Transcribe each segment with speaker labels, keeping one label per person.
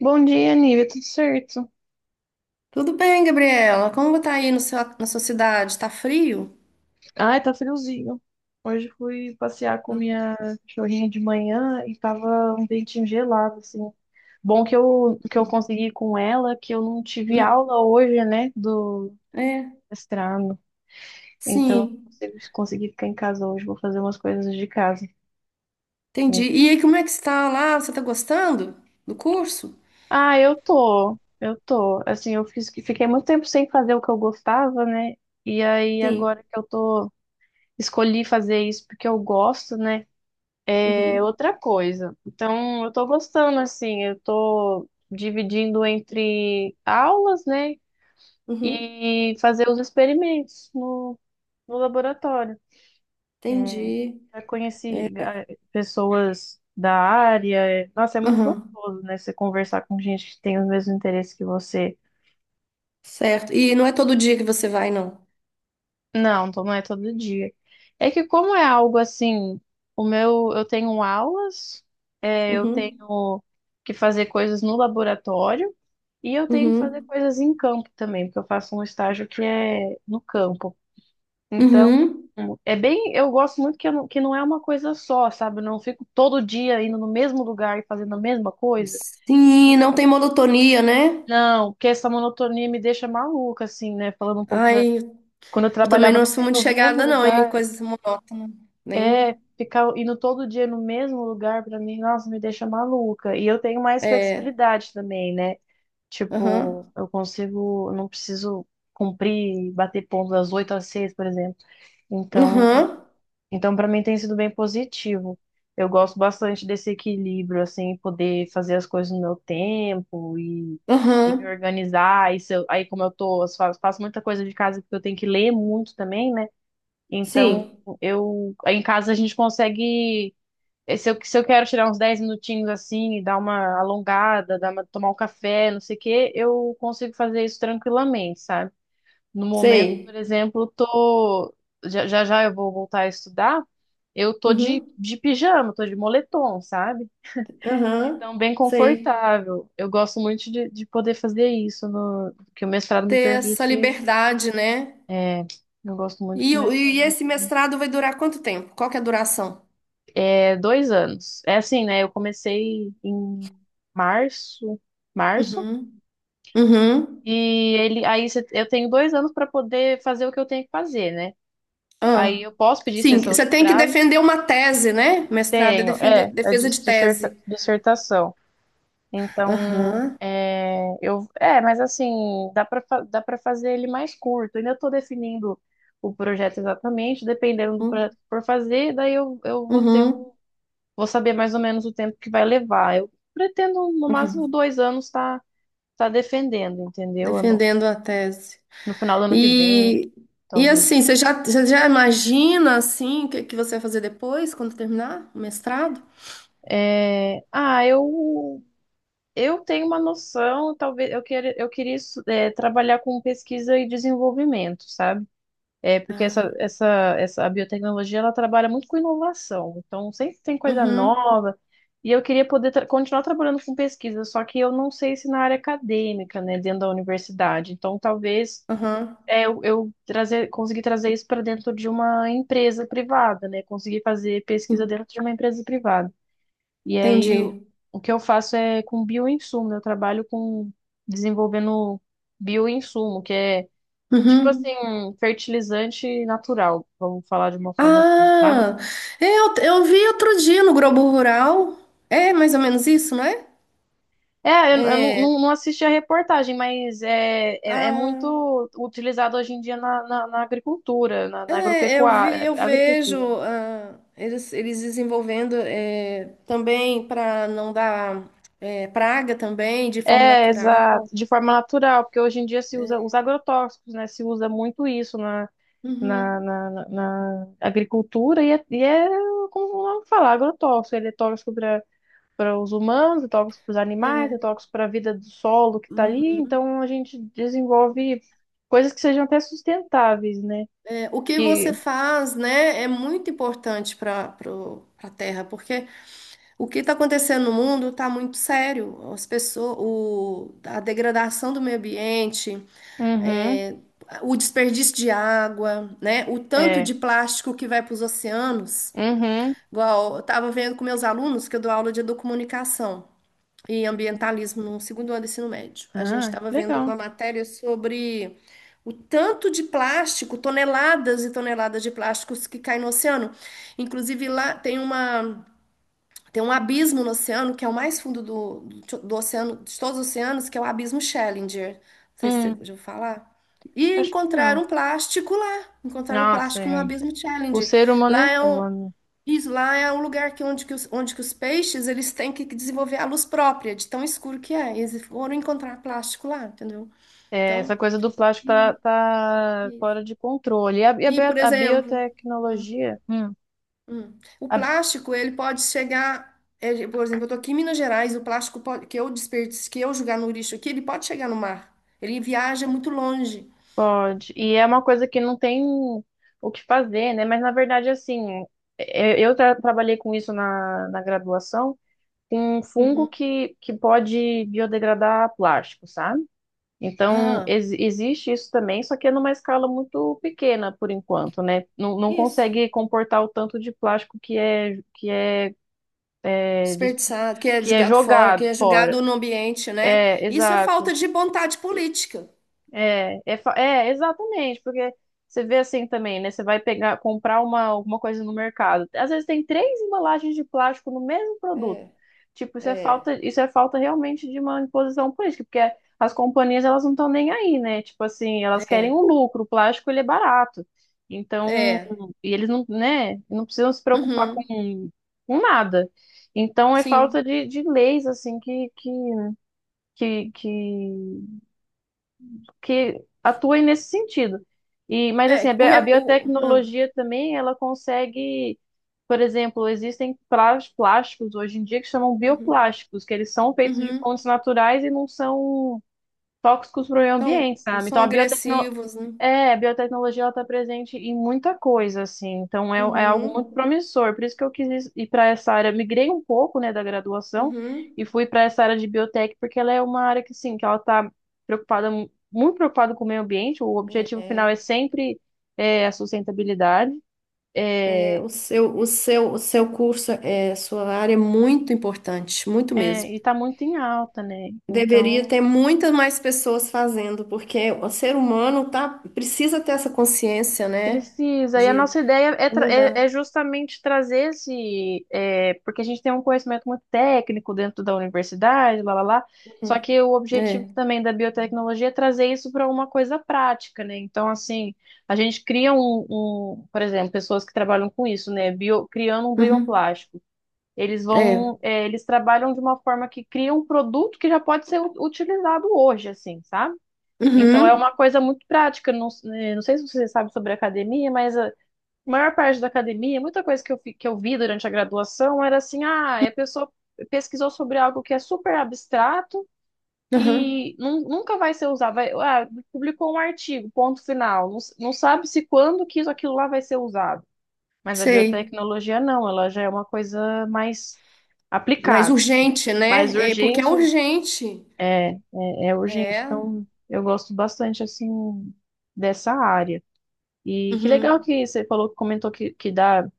Speaker 1: Bom dia, Nívia, tudo certo?
Speaker 2: Tudo bem, Gabriela? Como tá aí no seu, na sua cidade? Tá frio?
Speaker 1: Ai, tá friozinho. Hoje fui passear com minha cachorrinha de manhã e tava um ventinho gelado, assim. Bom que eu
Speaker 2: Uhum.
Speaker 1: consegui com ela, que eu não tive
Speaker 2: Hum.
Speaker 1: aula hoje, né, do
Speaker 2: É,
Speaker 1: mestrado. Então, eu
Speaker 2: sim,
Speaker 1: consigo- consegui ficar em casa hoje, vou fazer umas coisas de casa.
Speaker 2: entendi. E aí, como é que está lá? Você tá gostando do curso?
Speaker 1: Ah, eu tô. Assim, fiquei muito tempo sem fazer o que eu gostava, né? E aí,
Speaker 2: Sim.
Speaker 1: agora que eu tô, escolhi fazer isso porque eu gosto, né? É
Speaker 2: Uhum,
Speaker 1: outra coisa. Então, eu tô gostando, assim, eu tô dividindo entre aulas, né,
Speaker 2: uhum,
Speaker 1: e fazer os experimentos no laboratório. É,
Speaker 2: entendi.
Speaker 1: já
Speaker 2: É,
Speaker 1: conheci pessoas da área. Nossa, é muito
Speaker 2: uhum,
Speaker 1: gostoso, né, você conversar com gente que tem os mesmos interesses que você.
Speaker 2: certo. E não é todo dia que você vai, não?
Speaker 1: Não, então não é todo dia. É que como é algo assim, eu tenho aulas, eu tenho
Speaker 2: Uhum,
Speaker 1: que fazer coisas no laboratório e eu tenho que fazer
Speaker 2: uhum,
Speaker 1: coisas em campo também, porque eu faço um estágio que é no campo. Então,
Speaker 2: uhum.
Speaker 1: é bem, eu gosto muito que, eu que não é uma coisa só, sabe? Eu não fico todo dia indo no mesmo lugar e fazendo a mesma coisa.
Speaker 2: Sim,
Speaker 1: Isso
Speaker 2: não tem monotonia, né?
Speaker 1: não, porque essa monotonia me deixa maluca, assim, né? Falando um pouco da.
Speaker 2: Ai,
Speaker 1: Quando eu
Speaker 2: eu também
Speaker 1: trabalhava
Speaker 2: não
Speaker 1: no,
Speaker 2: sou
Speaker 1: me-
Speaker 2: muito
Speaker 1: nos mesmo
Speaker 2: chegada, não, em
Speaker 1: lugar.
Speaker 2: coisas monótonas. Nem.
Speaker 1: É, ficar indo todo dia no mesmo lugar pra mim, nossa, me deixa maluca. E eu tenho mais
Speaker 2: É.
Speaker 1: flexibilidade também, né? Tipo,
Speaker 2: Aham.
Speaker 1: eu não preciso cumprir, bater ponto das 8 às 6, por exemplo. Então,
Speaker 2: Aham.
Speaker 1: então, para mim tem sido bem positivo. Eu gosto bastante desse equilíbrio, assim, poder fazer as coisas no meu tempo e me
Speaker 2: Aham,
Speaker 1: organizar. E se eu- aí, como eu tô, eu faço muita coisa de casa porque eu tenho que ler muito também, né?
Speaker 2: sim,
Speaker 1: Então, eu em casa a gente consegue. Se eu quero tirar uns 10 minutinhos assim, e dar uma alongada, tomar um café, não sei o quê, eu consigo fazer isso tranquilamente, sabe? No momento, por
Speaker 2: sei.
Speaker 1: exemplo, tô. Já já, já eu vou voltar a estudar, eu tô de,
Speaker 2: Uhum,
Speaker 1: de pijama, tô de moletom, sabe?
Speaker 2: aham,
Speaker 1: Então, bem
Speaker 2: sei.
Speaker 1: confortável. Eu gosto muito de poder fazer isso, no, que o mestrado me
Speaker 2: Ter essa
Speaker 1: permite.
Speaker 2: liberdade, né?
Speaker 1: É, eu gosto muito
Speaker 2: E,
Speaker 1: que o
Speaker 2: e
Speaker 1: mestrado me
Speaker 2: esse
Speaker 1: permite.
Speaker 2: mestrado vai durar quanto tempo? Qual que é a duração?
Speaker 1: É 2 anos. É assim, né? Eu comecei em março, março,
Speaker 2: Uhum, uhum.
Speaker 1: e eu tenho 2 anos para poder fazer o que eu tenho que fazer, né? Aí
Speaker 2: Ah.
Speaker 1: eu posso pedir
Speaker 2: Sim,
Speaker 1: extensão de
Speaker 2: você tem que
Speaker 1: prazo?
Speaker 2: defender uma tese, né? Mestrado é
Speaker 1: Tenho,
Speaker 2: defesa de tese.
Speaker 1: dissertação. Então,
Speaker 2: Aham,
Speaker 1: mas assim, dá para dá para fazer ele mais curto. Ainda estou definindo o projeto exatamente, dependendo do projeto
Speaker 2: uhum,
Speaker 1: que for fazer, daí eu vou ter o.
Speaker 2: uhum,
Speaker 1: Vou saber mais ou menos o tempo que vai levar. Eu pretendo, no máximo,
Speaker 2: uhum.
Speaker 1: 2 anos tá defendendo, entendeu? Ano-
Speaker 2: Defendendo a tese.
Speaker 1: no final do ano que vem,
Speaker 2: E, e assim,
Speaker 1: talvez.
Speaker 2: você já imagina assim o que, que você vai fazer depois, quando terminar o mestrado?
Speaker 1: É, eu tenho uma noção, talvez eu queira, eu queria estu- é, trabalhar com pesquisa e desenvolvimento, sabe? É porque essa,
Speaker 2: Ah.
Speaker 1: essa, essa a biotecnologia ela trabalha muito com inovação, então sempre tem coisa
Speaker 2: Uhum,
Speaker 1: nova. E eu queria poder continuar trabalhando com pesquisa, só que eu não sei se na área acadêmica, né, dentro da universidade. Então talvez
Speaker 2: uhum,
Speaker 1: eu trazer, conseguir trazer isso para dentro de uma empresa privada, né, conseguir fazer pesquisa dentro de uma empresa privada. E aí o,
Speaker 2: entendi.
Speaker 1: o que eu faço é com bioinsumo, eu trabalho com desenvolvendo bioinsumo, que é. Tipo assim,
Speaker 2: Uhum.
Speaker 1: fertilizante natural, vamos falar de uma forma assim, sabe?
Speaker 2: Ah, eu vi outro dia no Globo Rural. É mais ou menos isso, não é?
Speaker 1: É, eu não,
Speaker 2: É,
Speaker 1: não- não assisti a reportagem, mas é
Speaker 2: ah,
Speaker 1: muito utilizado hoje em dia na, na agricultura, na
Speaker 2: é, eu vi,
Speaker 1: agropecuária,
Speaker 2: eu vejo
Speaker 1: agricultura, né?
Speaker 2: ah, eles desenvolvendo também para não dar praga também de forma
Speaker 1: É,
Speaker 2: natural.
Speaker 1: exato, de forma natural, porque hoje em dia se usa os agrotóxicos, né? Se usa muito isso na, na,
Speaker 2: Uhum,
Speaker 1: na, na- na agricultura e é como vamos falar, agrotóxico, ele é tóxico para os humanos, é tóxico para os animais, é
Speaker 2: é.
Speaker 1: tóxico para a vida do solo que está ali.
Speaker 2: Uhum.
Speaker 1: Então a gente desenvolve coisas que sejam até sustentáveis, né?
Speaker 2: É, o que você
Speaker 1: Que.
Speaker 2: faz, né, é muito importante para a terra, porque o que está acontecendo no mundo está muito sério. As pessoas, a degradação do meio ambiente,
Speaker 1: Uhum,
Speaker 2: é, o desperdício de água, né? O tanto
Speaker 1: é,
Speaker 2: de plástico que vai para os oceanos.
Speaker 1: uhum.
Speaker 2: Igual, eu estava vendo com meus alunos, que eu dou aula de educomunicação e ambientalismo no segundo ano do ensino médio. A gente
Speaker 1: Ah,
Speaker 2: estava vendo uma
Speaker 1: legal.
Speaker 2: matéria sobre o tanto de plástico, toneladas e toneladas de plásticos que caem no oceano. Inclusive, lá tem uma. Tem um abismo no oceano, que é o mais fundo do oceano, de todos os oceanos, que é o abismo Challenger. Não sei se você já
Speaker 1: Hum,
Speaker 2: ouviu falar. E
Speaker 1: acho que
Speaker 2: encontraram
Speaker 1: não.
Speaker 2: um plástico lá. Encontraram um
Speaker 1: Nossa,
Speaker 2: plástico no
Speaker 1: é.
Speaker 2: abismo
Speaker 1: O
Speaker 2: Challenger.
Speaker 1: ser humano
Speaker 2: Lá
Speaker 1: é
Speaker 2: é um,
Speaker 1: foda.
Speaker 2: isso, lá é um lugar que onde que os peixes eles têm que desenvolver a luz própria, de tão escuro que é. E eles foram encontrar plástico lá, entendeu?
Speaker 1: É, essa
Speaker 2: Então,
Speaker 1: coisa do plástico tá,
Speaker 2: e,
Speaker 1: tá
Speaker 2: e,
Speaker 1: fora de controle. E a, e a
Speaker 2: e
Speaker 1: bio-
Speaker 2: por
Speaker 1: a
Speaker 2: exemplo. Hum,
Speaker 1: biotecnologia,
Speaker 2: hum. O
Speaker 1: a
Speaker 2: plástico, ele pode chegar, por exemplo, eu estou aqui em Minas Gerais, o plástico que eu desperdiço, que eu jogar no lixo aqui, ele pode chegar no mar. Ele viaja muito longe.
Speaker 1: Pode. E é uma coisa que não tem o que fazer, né? Mas na verdade, assim, eu trabalhei com isso na, na graduação, com um fungo
Speaker 2: Uhum.
Speaker 1: que pode biodegradar plástico, sabe? Então,
Speaker 2: Ah,
Speaker 1: existe isso também, só que é numa escala muito pequena por enquanto, né? Não, não
Speaker 2: isso.
Speaker 1: consegue comportar o tanto de plástico que é, dis-
Speaker 2: Desperdiçado, que é
Speaker 1: que é
Speaker 2: jogado fora, que
Speaker 1: jogado
Speaker 2: é
Speaker 1: fora.
Speaker 2: jogado no ambiente, né?
Speaker 1: É,
Speaker 2: Isso é
Speaker 1: exato.
Speaker 2: falta de vontade política.
Speaker 1: Exatamente, porque você vê assim também, né? Você vai pegar, comprar alguma coisa no mercado. Às vezes tem 3 embalagens de plástico no mesmo produto.
Speaker 2: É,
Speaker 1: Tipo,
Speaker 2: é.
Speaker 1: isso é falta realmente de uma imposição política, porque as companhias elas não estão nem aí, né? Tipo assim, elas querem o
Speaker 2: É,
Speaker 1: lucro, o plástico ele é barato. Então,
Speaker 2: é.
Speaker 1: e eles não, né, não precisam se preocupar
Speaker 2: Uhum.
Speaker 1: com nada. Então, é falta
Speaker 2: Sim.
Speaker 1: de leis, assim, que, que que atuem nesse sentido. E, mas
Speaker 2: É,
Speaker 1: assim, a bi- a
Speaker 2: ah,
Speaker 1: biotecnologia também, ela consegue, por exemplo, existem plásticos hoje em dia que chamam
Speaker 2: uhum,
Speaker 1: bioplásticos, que eles são feitos de fontes
Speaker 2: uhum.
Speaker 1: naturais e não são tóxicos para o meio
Speaker 2: Então,
Speaker 1: ambiente, sabe? Então
Speaker 2: são
Speaker 1: a biotecno,
Speaker 2: agressivos, né?
Speaker 1: é, a biotecnologia ela está presente em muita coisa, assim, então é, é algo
Speaker 2: Uhum,
Speaker 1: muito promissor. Por isso que eu quis ir para essa área, migrei um pouco, né, da graduação
Speaker 2: uhum.
Speaker 1: e fui para essa área de biotech, porque ela é uma área que, sim, que ela está preocupada, muito preocupada com o meio ambiente. O objetivo final
Speaker 2: É.
Speaker 1: é sempre é a sustentabilidade,
Speaker 2: É,
Speaker 1: é,
Speaker 2: o seu curso, sua área é muito importante, muito mesmo.
Speaker 1: e está muito em alta, né?
Speaker 2: Deveria
Speaker 1: Então.
Speaker 2: ter muitas mais pessoas fazendo, porque o ser humano tá, precisa ter essa consciência, né?
Speaker 1: Precisa. E a
Speaker 2: De
Speaker 1: nossa ideia é, é
Speaker 2: mudar.
Speaker 1: justamente trazer esse. É, porque a gente tem um conhecimento muito técnico dentro da universidade, lá, lá, lá. Só
Speaker 2: Uhum.
Speaker 1: que o objetivo
Speaker 2: É.
Speaker 1: também da biotecnologia é trazer isso para uma coisa prática, né? Então, assim, a gente cria por exemplo, pessoas que trabalham com isso, né? Bio, criando um
Speaker 2: Uhum.
Speaker 1: bioplástico. Eles
Speaker 2: É.
Speaker 1: vão, é, eles trabalham de uma forma que cria um produto que já pode ser utilizado hoje, assim, sabe? Então é
Speaker 2: Uhum.
Speaker 1: uma coisa muito prática. Não, não sei se você sabe sobre academia, mas a maior parte da academia, muita coisa que que eu vi durante a graduação era assim: ah, a pessoa pesquisou sobre algo que é super abstrato
Speaker 2: Uhum.
Speaker 1: e nunca vai ser usado. Vai, publicou um artigo, ponto final. Não, não sabe se quando que isso, aquilo lá vai ser usado. Mas a
Speaker 2: Sei.
Speaker 1: biotecnologia não, ela já é uma coisa mais
Speaker 2: Mas
Speaker 1: aplicada, assim,
Speaker 2: urgente,
Speaker 1: mais
Speaker 2: né? É, porque é
Speaker 1: urgente,
Speaker 2: urgente.
Speaker 1: é urgente.
Speaker 2: É.
Speaker 1: Então, eu gosto bastante, assim, dessa área. E que legal
Speaker 2: Uhum.
Speaker 1: que você falou, comentou que dá,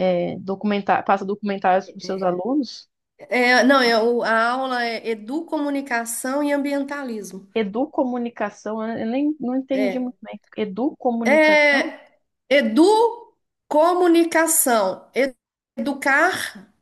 Speaker 1: passa documentários para os seus alunos.
Speaker 2: É, não, é, a aula é educomunicação e ambientalismo.
Speaker 1: Educomunicação, eu nem não entendi muito
Speaker 2: É.
Speaker 1: bem. Educomunicação?
Speaker 2: É, educomunicação. Educar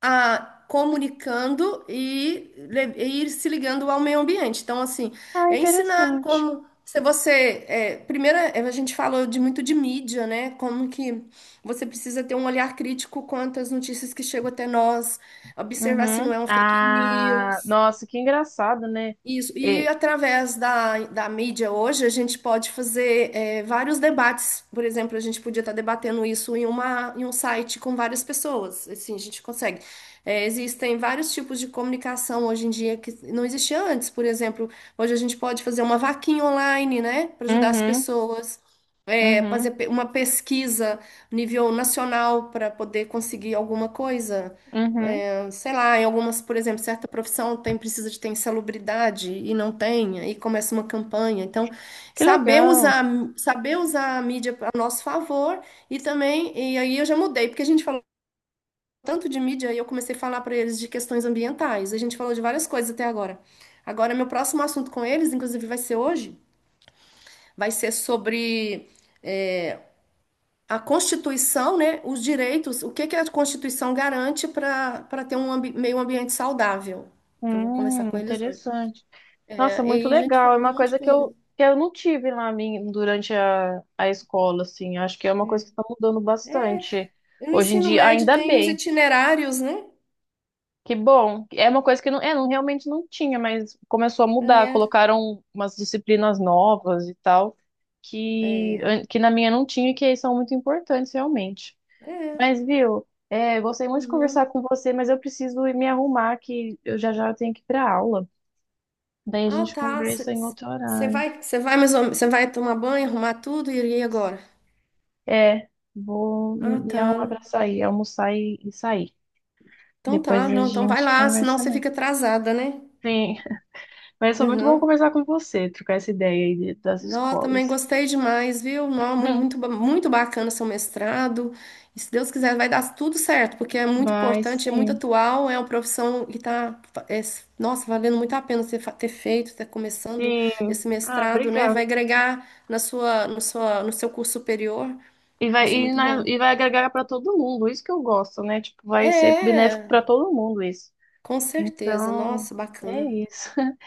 Speaker 2: a comunicando e ir se ligando ao meio ambiente. Então, assim,
Speaker 1: Ah,
Speaker 2: é ensinar
Speaker 1: interessante.
Speaker 2: como se você. É, primeiro, a gente falou de muito de mídia, né? Como que você precisa ter um olhar crítico quanto às notícias que chegam até nós, observar se não
Speaker 1: Uhum.
Speaker 2: é um fake
Speaker 1: Ah,
Speaker 2: news.
Speaker 1: nossa, que engraçado, né?
Speaker 2: Isso, e
Speaker 1: É,
Speaker 2: através da mídia hoje, a gente pode fazer vários debates. Por exemplo, a gente podia estar debatendo isso em uma, em um site com várias pessoas. Assim, a gente consegue. Existem vários tipos de comunicação hoje em dia que não existia antes. Por exemplo, hoje a gente pode fazer uma vaquinha online, né, para ajudar as
Speaker 1: uhum,
Speaker 2: pessoas,
Speaker 1: uhum,
Speaker 2: fazer uma pesquisa nível nacional para poder conseguir alguma coisa
Speaker 1: uhum.
Speaker 2: sei lá, em algumas, por exemplo, certa profissão tem precisa de ter insalubridade e não tem, aí começa uma campanha. Então,
Speaker 1: Que
Speaker 2: saber
Speaker 1: legal.
Speaker 2: usar, saber usar a mídia a nosso favor e também, e aí eu já mudei, porque a gente falou tanto de mídia e eu comecei a falar para eles de questões ambientais. A gente falou de várias coisas até agora. Agora, meu próximo assunto com eles, inclusive vai ser hoje, vai ser sobre a Constituição, né, os direitos, o que que a Constituição garante para ter um meio ambiente saudável. Eu vou conversar com eles hoje.
Speaker 1: Interessante.
Speaker 2: É,
Speaker 1: Nossa,
Speaker 2: e
Speaker 1: muito
Speaker 2: aí, gente
Speaker 1: legal. É
Speaker 2: falando de um
Speaker 1: uma
Speaker 2: monte de
Speaker 1: coisa que
Speaker 2: coisa.
Speaker 1: que eu não tive lá durante a escola, assim. Acho que é uma coisa que
Speaker 2: É.
Speaker 1: está mudando bastante
Speaker 2: E no
Speaker 1: hoje em
Speaker 2: ensino
Speaker 1: dia.
Speaker 2: médio
Speaker 1: Ainda
Speaker 2: tem os
Speaker 1: bem,
Speaker 2: itinerários, né?
Speaker 1: que bom. É uma coisa que não, é, não, realmente não tinha, mas começou a mudar.
Speaker 2: É,
Speaker 1: Colocaram umas disciplinas novas e tal,
Speaker 2: é,
Speaker 1: que,
Speaker 2: é.
Speaker 1: que na minha não tinha e que são muito importantes, realmente.
Speaker 2: É.
Speaker 1: Mas, viu, é, gostei muito de conversar
Speaker 2: Uhum.
Speaker 1: com você, mas eu preciso ir me arrumar, que eu já já tenho que ir para aula. Daí a
Speaker 2: Ah,
Speaker 1: gente
Speaker 2: tá.
Speaker 1: conversa em outro
Speaker 2: Você
Speaker 1: horário.
Speaker 2: vai, você vai, mais você vai tomar banho, arrumar tudo e ir agora?
Speaker 1: É, vou me
Speaker 2: Ah,
Speaker 1: me
Speaker 2: tá.
Speaker 1: arrumar pra sair, almoçar e sair.
Speaker 2: Então tá,
Speaker 1: Depois a
Speaker 2: não, então vai
Speaker 1: gente
Speaker 2: lá, senão
Speaker 1: conversa
Speaker 2: você
Speaker 1: mais.
Speaker 2: fica atrasada, né?
Speaker 1: Sim, mas foi muito bom
Speaker 2: Uhum.
Speaker 1: conversar com você, trocar essa ideia aí das
Speaker 2: Nó, também
Speaker 1: escolas.
Speaker 2: gostei demais, viu? Nó, muito, muito bacana seu mestrado. E se Deus quiser, vai dar tudo certo, porque é muito
Speaker 1: Mas
Speaker 2: importante, é muito
Speaker 1: sim,
Speaker 2: atual, é uma profissão que está, nossa, valendo muito a pena você ter feito, ter começando
Speaker 1: sim.
Speaker 2: esse
Speaker 1: Ah,
Speaker 2: mestrado, né?
Speaker 1: obrigada.
Speaker 2: Vai agregar na sua, no seu curso superior,
Speaker 1: E
Speaker 2: vai
Speaker 1: vai,
Speaker 2: ser
Speaker 1: e,
Speaker 2: muito
Speaker 1: na-
Speaker 2: bom.
Speaker 1: e vai agregar para todo mundo, isso que eu gosto, né? Tipo, vai ser benéfico
Speaker 2: É,
Speaker 1: para todo mundo isso.
Speaker 2: com certeza.
Speaker 1: Então,
Speaker 2: Nossa,
Speaker 1: é
Speaker 2: bacana.
Speaker 1: isso.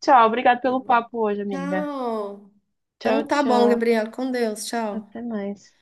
Speaker 1: Tchau, obrigado
Speaker 2: Tá
Speaker 1: pelo
Speaker 2: bom.
Speaker 1: papo hoje, amiga.
Speaker 2: Tchau.
Speaker 1: Tchau,
Speaker 2: Então tá bom,
Speaker 1: tchau.
Speaker 2: Gabriela. Com Deus. Tchau.
Speaker 1: Até
Speaker 2: Até
Speaker 1: mais.